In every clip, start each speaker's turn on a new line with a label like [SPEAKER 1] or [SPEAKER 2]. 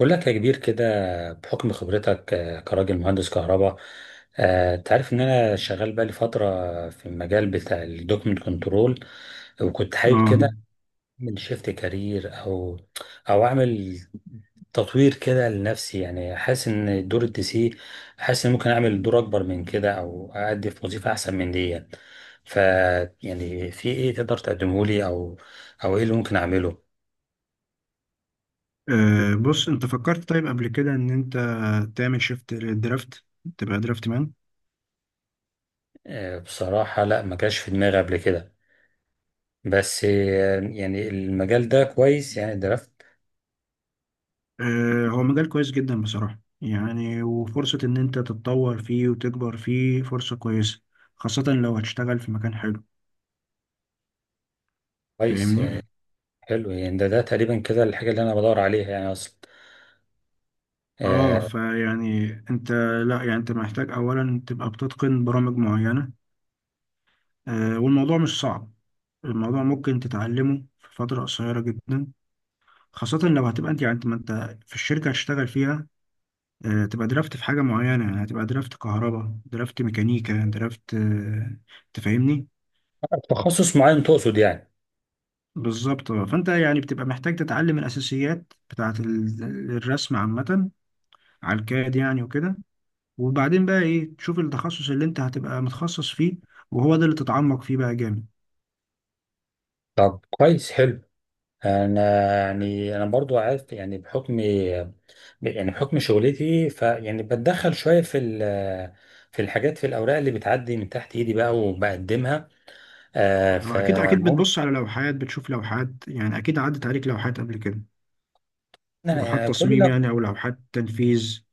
[SPEAKER 1] بقول لك يا كبير كده، بحكم خبرتك كراجل مهندس كهرباء. انت عارف ان انا شغال بقالي فتره في المجال بتاع الدوكمنت كنترول، وكنت حابب كده
[SPEAKER 2] اه.
[SPEAKER 1] اعمل شيفت كارير، او اعمل تطوير كده لنفسي. يعني حاسس ان دور الدي سي، حاسس ان ممكن اعمل دور اكبر من كده، او اادي في وظيفه احسن من دي. ف يعني في ايه تقدر تقدمه لي، او ايه اللي ممكن اعمله؟
[SPEAKER 2] بص، انت فكرت طيب قبل كده ان انت تعمل شيفت للدرافت، تبقى درافت مان.
[SPEAKER 1] بصراحه لا، ما جاش في دماغي قبل كده. بس يعني المجال ده كويس، يعني درافت.
[SPEAKER 2] هو مجال كويس جدا بصراحة، يعني وفرصة ان انت تتطور فيه وتكبر فيه فرصة كويسة، خاصة لو هتشتغل في مكان حلو.
[SPEAKER 1] كويس يعني،
[SPEAKER 2] فاهمني؟
[SPEAKER 1] حلو يعني. ده تقريبا كده الحاجة اللي أنا بدور عليها يعني أصلا.
[SPEAKER 2] اه
[SPEAKER 1] آه.
[SPEAKER 2] فيعني انت، لا يعني انت محتاج اولا تبقى بتتقن برامج معينة. والموضوع مش صعب، الموضوع ممكن تتعلمه في فترة قصيرة جدا، خاصة لو هتبقى انت، يعني انت، ما انت في الشركة هتشتغل فيها تبقى درافت في حاجة معينة، يعني هتبقى درافت كهرباء، درافت ميكانيكا، درافت تفهمني؟
[SPEAKER 1] تخصص معين تقصد يعني؟
[SPEAKER 2] بالظبط، آه. فانت يعني بتبقى محتاج تتعلم الأساسيات بتاعة الرسم عامة، على الكاد يعني وكده. وبعدين بقى ايه، تشوف التخصص اللي انت هتبقى متخصص فيه، وهو ده اللي تتعمق فيه بقى جامد.
[SPEAKER 1] طب كويس، حلو. أنا، يعني أنا برضو عارف يعني، بحكم شغلتي، فيعني بتدخل شوية في الحاجات في الأوراق اللي بتعدي من تحت إيدي بقى وبقدمها.
[SPEAKER 2] اكيد اكيد
[SPEAKER 1] فممكن.
[SPEAKER 2] بتبص على لوحات، بتشوف لوحات، يعني اكيد عدت عليك لوحات قبل كده، لوحات
[SPEAKER 1] يعني
[SPEAKER 2] تصميم
[SPEAKER 1] كل،
[SPEAKER 2] يعني او لوحات تنفيذ.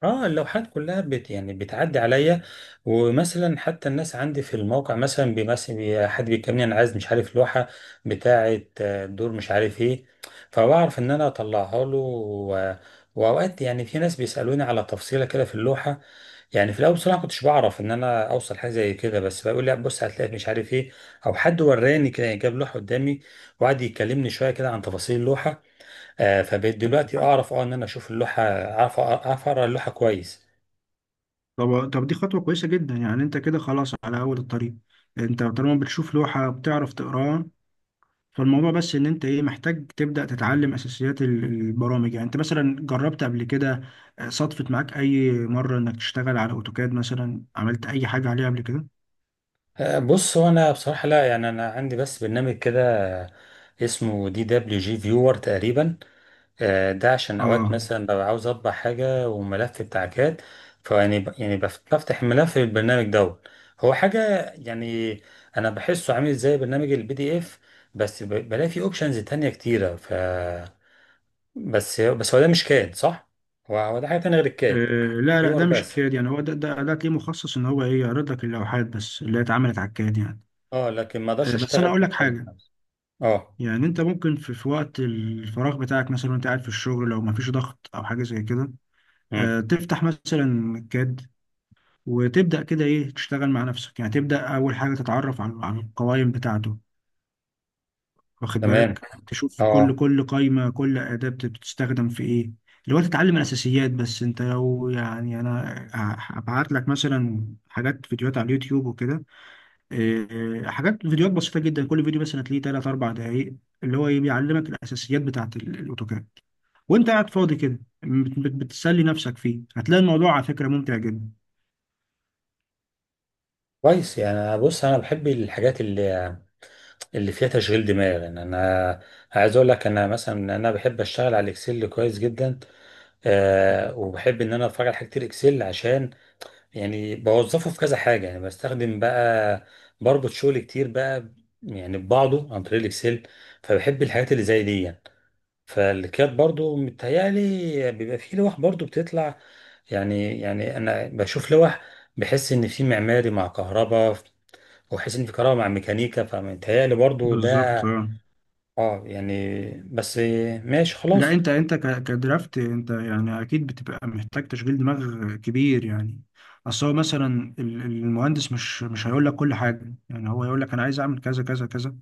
[SPEAKER 1] اه، اللوحات كلها بت يعني بتعدي عليا. ومثلا حتى الناس عندي في الموقع مثلا، حد بيكلمني انا عايز، مش عارف، لوحه بتاعه، دور مش عارف ايه، فبعرف ان انا اطلعها له و- واوقات يعني في ناس بيسالوني على تفصيله كده في اللوحه. يعني في الاول بصراحه كنتش بعرف ان انا اوصل حاجه زي كده، بس بقول لا بص هتلاقي مش عارف ايه، او حد وراني كده يعني جاب لوحه قدامي وقعد يكلمني شويه كده عن تفاصيل اللوحه. فبقيت دلوقتي اعرف، اه، ان انا اشوف اللوحه، اعرف اقرا اللوحه كويس.
[SPEAKER 2] طب طب دي خطوة كويسة جدا، يعني انت كده خلاص على اول الطريق. انت طالما بتشوف لوحة بتعرف تقراها، فالموضوع بس ان انت ايه، محتاج تبدأ تتعلم اساسيات البرامج. يعني انت مثلا جربت قبل كده، صدفت معاك اي مرة انك تشتغل على اوتوكاد مثلا، عملت اي حاجة عليه قبل كده؟
[SPEAKER 1] بص، هو انا بصراحه لا، يعني انا عندي بس برنامج كده اسمه دي دبليو جي فيور تقريبا. ده عشان اوقات
[SPEAKER 2] اه
[SPEAKER 1] مثلا ببقى عاوز اطبع حاجه وملف بتاع كاد، فيعني ب- يعني بف- بفتح الملف في البرنامج دوت. هو حاجه يعني، انا بحسه عامل زي برنامج البي دي اف، بس بلاقي فيه اوبشنز تانية كتيره. ف بس بس هو ده مش كاد صح؟ هو ده حاجه تانية غير
[SPEAKER 2] آه،
[SPEAKER 1] الكاد.
[SPEAKER 2] لا لا،
[SPEAKER 1] فيور
[SPEAKER 2] ده مش
[SPEAKER 1] بس.
[SPEAKER 2] كاد يعني. هو ده ليه مخصص ان هو ايه، يعرض لك اللوحات بس اللي هي اتعملت على الكاد يعني.
[SPEAKER 1] اه، لكن ما اقدرش
[SPEAKER 2] بس انا
[SPEAKER 1] اشتغل
[SPEAKER 2] اقول لك
[SPEAKER 1] بيه أوي.
[SPEAKER 2] حاجة.
[SPEAKER 1] اه.
[SPEAKER 2] يعني انت ممكن في وقت الفراغ بتاعك مثلا، وانت قاعد في الشغل لو مفيش ضغط او حاجه زي كده،
[SPEAKER 1] امم
[SPEAKER 2] تفتح مثلا كاد، وتبدا كده ايه، تشتغل مع نفسك، يعني تبدا اول حاجه تتعرف على القوائم بتاعته، واخد
[SPEAKER 1] تمام.
[SPEAKER 2] بالك، تشوف كل
[SPEAKER 1] اه.
[SPEAKER 2] كل قايمه، كل اداه بتستخدم في ايه، اللي هو تتعلم الاساسيات. بس انت لو يعني، انا هبعت لك مثلا حاجات فيديوهات على اليوتيوب وكده، إيه، حاجات فيديوهات بسيطة جدا، كل فيديو مثلا تلاقيه تلات أربع دقايق، اللي هو إيه، بيعلمك الأساسيات بتاعة الأوتوكاد. وأنت قاعد فاضي كده بتسلي نفسك فيه، هتلاقي الموضوع على فكرة ممتع جدا.
[SPEAKER 1] كويس يعني، بص انا بحب الحاجات اللي فيها تشغيل دماغ، يعني انا عايز اقول لك، انا مثلا انا بحب اشتغل على الاكسل كويس جدا. آه، وبحب ان انا اتفرج على حاجات كتير اكسل، عشان يعني بوظفه في كذا حاجه، يعني بستخدم بقى، بربط شغل كتير بقى يعني ببعضه عن طريق الاكسل، فبحب الحاجات اللي زي دي. فالكيات برضو متهيألي بيبقى فيه لوح برضو بتطلع يعني انا بشوف لوح، بحس ان في معماري مع كهرباء، وحس ان في كهرباء مع ميكانيكا، فمتهيألي برضو ده.
[SPEAKER 2] بالظبط، اه.
[SPEAKER 1] اه يعني، بس ماشي
[SPEAKER 2] لا،
[SPEAKER 1] خلاص.
[SPEAKER 2] أنت كدرافت، أنت يعني أكيد بتبقى محتاج تشغيل دماغ كبير يعني. أصل هو مثلا المهندس مش هيقول لك كل حاجة، يعني هو يقول لك أنا عايز أعمل كذا كذا كذا.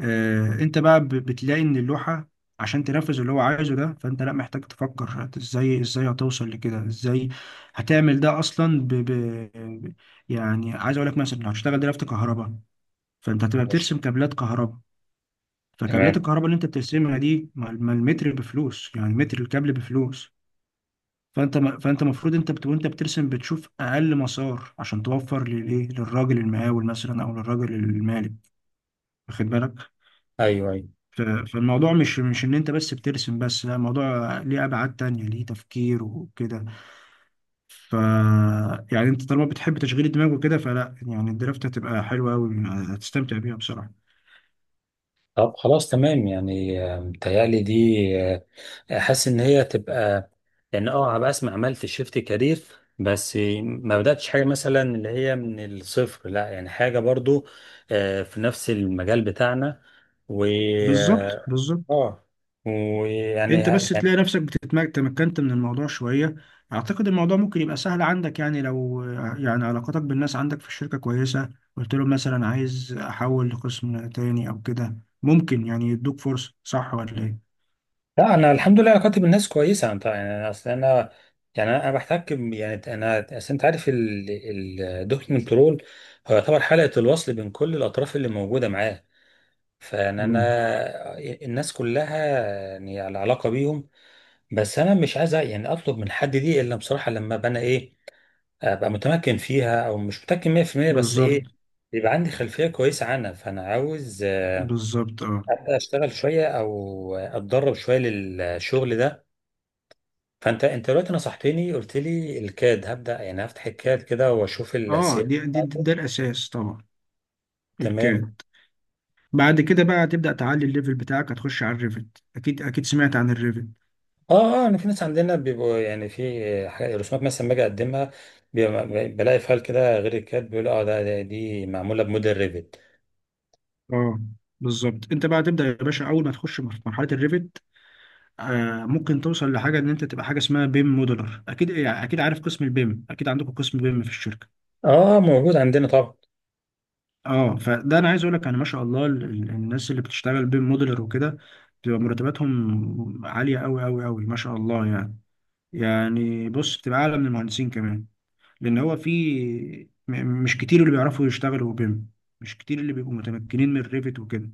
[SPEAKER 2] انت بقى بتلاقي ان اللوحة عشان تنفذ اللي هو عايزه ده، فانت لا محتاج تفكر ازاي، ازاي هتوصل لكده، ازاي هتعمل ده اصلا ب- يعني عايز اقول لك مثلا، لو هتشتغل دلوقتي كهرباء، فانت هتبقى
[SPEAKER 1] ماشي.
[SPEAKER 2] بترسم كابلات كهرباء. فكابلات
[SPEAKER 1] تمام.
[SPEAKER 2] الكهرباء اللي انت بترسمها دي، ما المتر بفلوس، يعني متر الكابل بفلوس. فانت ما فانت المفروض انت وانت بترسم بتشوف اقل مسار عشان توفر للايه، للراجل المقاول مثلا او للراجل المالك. واخد بالك؟
[SPEAKER 1] ايوه ايوه.
[SPEAKER 2] فالموضوع مش ان انت بس بترسم بس، لا الموضوع ليه ابعاد تانية، ليه تفكير وكده. ف يعني انت طالما بتحب تشغيل الدماغ وكده، فلا يعني الدرافت هتبقى حلوة قوي، هتستمتع بيها بصراحة.
[SPEAKER 1] طب خلاص تمام يعني، متهيألي دي، حاسس ان هي تبقى، لان، اه بقى اسمع، عملت شيفت كارير، بس ما بداتش حاجه مثلا اللي هي من الصفر، لا يعني حاجه برضو في نفس المجال بتاعنا. و،
[SPEAKER 2] بالظبط بالظبط،
[SPEAKER 1] اه، ويعني
[SPEAKER 2] انت بس
[SPEAKER 1] يعني.
[SPEAKER 2] تلاقي نفسك بتتمكن، تمكنت من الموضوع شوية، اعتقد الموضوع ممكن يبقى سهل عندك يعني. لو يعني علاقاتك بالناس عندك في الشركة كويسة، قلت لهم مثلا عايز احول لقسم تاني او كده، ممكن يعني يدوك فرصة. صح ولا ايه؟
[SPEAKER 1] لا، انا الحمد لله كاتب، الناس كويسه. انت يعني، اصل انا يعني انا اصل، انت عارف الدوكيومنت رول هو يعتبر حلقه الوصل بين كل الاطراف اللي موجوده معاه، فانا
[SPEAKER 2] مم.
[SPEAKER 1] انا الناس كلها يعني على علاقه بيهم. بس انا مش عايز يعني اطلب من حد دي الا بصراحه لما ابقى انا ايه، ابقى متمكن فيها، او مش متمكن 100% بس
[SPEAKER 2] بالظبط
[SPEAKER 1] ايه، يبقى عندي خلفيه كويسه عنها. فانا عاوز
[SPEAKER 2] بالظبط، اه.
[SPEAKER 1] اشتغل شويه او اتدرب شويه للشغل ده. فانت دلوقتي نصحتني، قلت لي الكاد، هبدا يعني هفتح الكاد كده واشوف
[SPEAKER 2] اه،
[SPEAKER 1] السير
[SPEAKER 2] دي
[SPEAKER 1] بتاعته.
[SPEAKER 2] ده الاساس طبعا،
[SPEAKER 1] تمام.
[SPEAKER 2] الكاد. بعد كده بقى هتبدا تعلي الليفل بتاعك، هتخش على الريفت. اكيد اكيد سمعت عن الريفت.
[SPEAKER 1] اه اه، انا في ناس عندنا بيبقوا يعني في حاجات رسومات مثلا باجي اقدمها، بلاقي فايل كده غير الكاتب، بيقول اه دي معموله بموديل ريفت.
[SPEAKER 2] اه، بالظبط. انت بقى تبدا يا باشا، اول ما تخش في مرحله الريفت، آه ممكن توصل لحاجه ان انت تبقى حاجه اسمها بيم موديلر. اكيد يعني اكيد عارف قسم البيم، اكيد عندكم قسم بيم في الشركه.
[SPEAKER 1] اه، موجود عندنا طبعا.
[SPEAKER 2] اه، فده انا عايز اقول لك، يعني ما شاء الله الناس اللي بتشتغل بيم موديلر وكده بتبقى مرتباتهم عاليه قوي قوي قوي ما شاء الله يعني. يعني بص، بتبقى اعلى من المهندسين كمان، لان هو في م- مش كتير اللي بيعرفوا يشتغلوا بيم، مش كتير اللي بيبقوا متمكنين من الريفت وكده.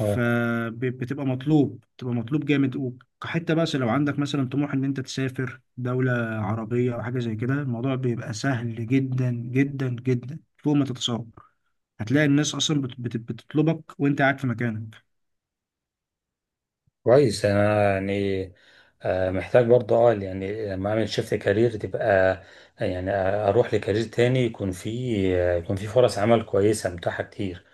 [SPEAKER 1] اه
[SPEAKER 2] مطلوب، بتبقى مطلوب جامد، وكحته بقى. لو عندك مثلا طموح ان انت تسافر دولة عربية او حاجة زي كده، الموضوع بيبقى سهل جدا جدا جدا فوق ما تتصور. هتلاقي الناس اصلا بتطلبك وانت قاعد في مكانك.
[SPEAKER 1] كويس، انا يعني آه محتاج برضه، اه يعني لما اعمل شيفت كارير تبقى، اروح لكارير تاني يكون فيه، يكون فيه فرص عمل كويسه متاحه كتير.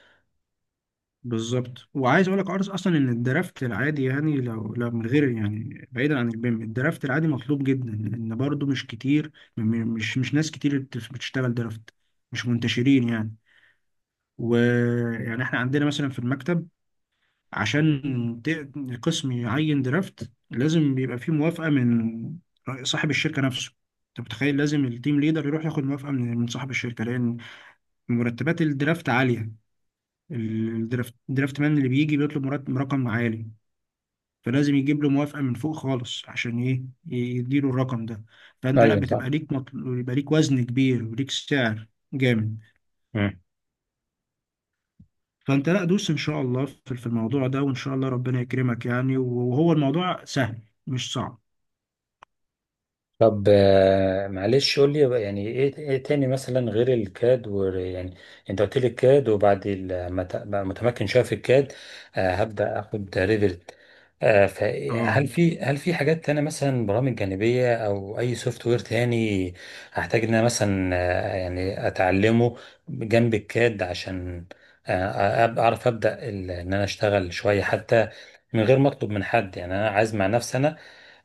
[SPEAKER 2] بالظبط. وعايز اقول لك، عارف اصلا ان الدرافت العادي، يعني لو من غير يعني بعيدا عن البيم، الدرافت العادي مطلوب جدا، لان برضو مش كتير، مش ناس كتير بتشتغل درافت، مش منتشرين يعني. ويعني احنا عندنا مثلا في المكتب، عشان القسم يعين درافت، لازم بيبقى فيه موافقة من صاحب الشركة نفسه. انت متخيل، لازم التيم ليدر يروح ياخد موافقة من صاحب الشركة، لان مرتبات الدرافت عالية. الدرافت، الدرافت مان اللي بيجي بيطلب مرتب رقم عالي، فلازم يجيب له موافقة من فوق خالص عشان ايه، يديله الرقم ده. فانت لا
[SPEAKER 1] ايوه
[SPEAKER 2] بتبقى ليك يبقى ليك وزن كبير وليك سعر جامد.
[SPEAKER 1] صح.
[SPEAKER 2] فانت لا دوس ان شاء الله في الموضوع ده، وان شاء الله ربنا يكرمك يعني. وهو الموضوع سهل، مش صعب.
[SPEAKER 1] طب معلش قول لي بقى، يعني ايه تاني مثلا غير الكاد، و يعني انت قلت لي الكاد، وبعد ما بقى متمكن شويه في الكاد، هبدا اخد ريفرت.
[SPEAKER 2] اه،
[SPEAKER 1] فهل في هل في حاجات تانية مثلا، برامج جانبيه او اي سوفت وير تاني هحتاج ان انا مثلا اتعلمه جنب الكاد، عشان اعرف ابدا ان انا اشتغل شويه حتى من غير ما اطلب من حد. يعني انا عايز مع نفسي انا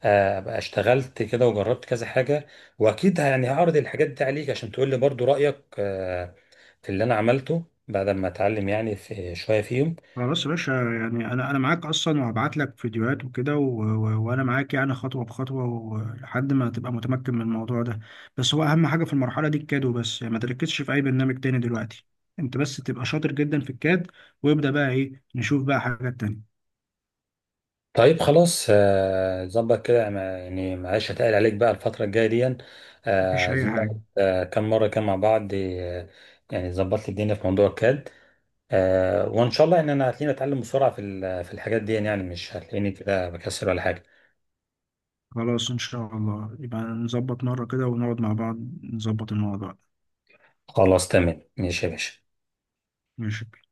[SPEAKER 1] بقى اشتغلت كده وجربت كذا حاجة، واكيد يعني هعرض الحاجات دي عليك عشان تقول لي برضو رأيك في اللي انا عملته بعد ما اتعلم، يعني في شوية فيهم.
[SPEAKER 2] خلاص يا باشا، يعني انا معاك اصلا، وهبعت لك فيديوهات وكده وانا معاك يعني خطوه بخطوه، ولحد ما تبقى متمكن من الموضوع ده. بس هو اهم حاجه في المرحله دي الكادو بس، يعني ما تركزش في اي برنامج تاني دلوقتي، انت بس تبقى شاطر جدا في الكاد، وابدا بقى ايه، نشوف بقى حاجات تانية.
[SPEAKER 1] طيب خلاص، ظبط كده، يعني معلش، هتقل عليك بقى الفترة الجاية دي.
[SPEAKER 2] مفيش اي
[SPEAKER 1] عايزين
[SPEAKER 2] حاجه.
[SPEAKER 1] نقعد، كم مرة كده مع بعض. يعني ظبط لي الدنيا في موضوع الكاد، وان شاء الله ان انا هتلاقيني اتعلم بسرعة في الحاجات دي، يعني مش هتلاقيني كده بكسل ولا حاجة.
[SPEAKER 2] خلاص ان شاء الله، يبقى نظبط مره كده ونقعد مع بعض، نظبط الموضوع ده.
[SPEAKER 1] خلاص تمام ماشي يا باشا.
[SPEAKER 2] ماشي.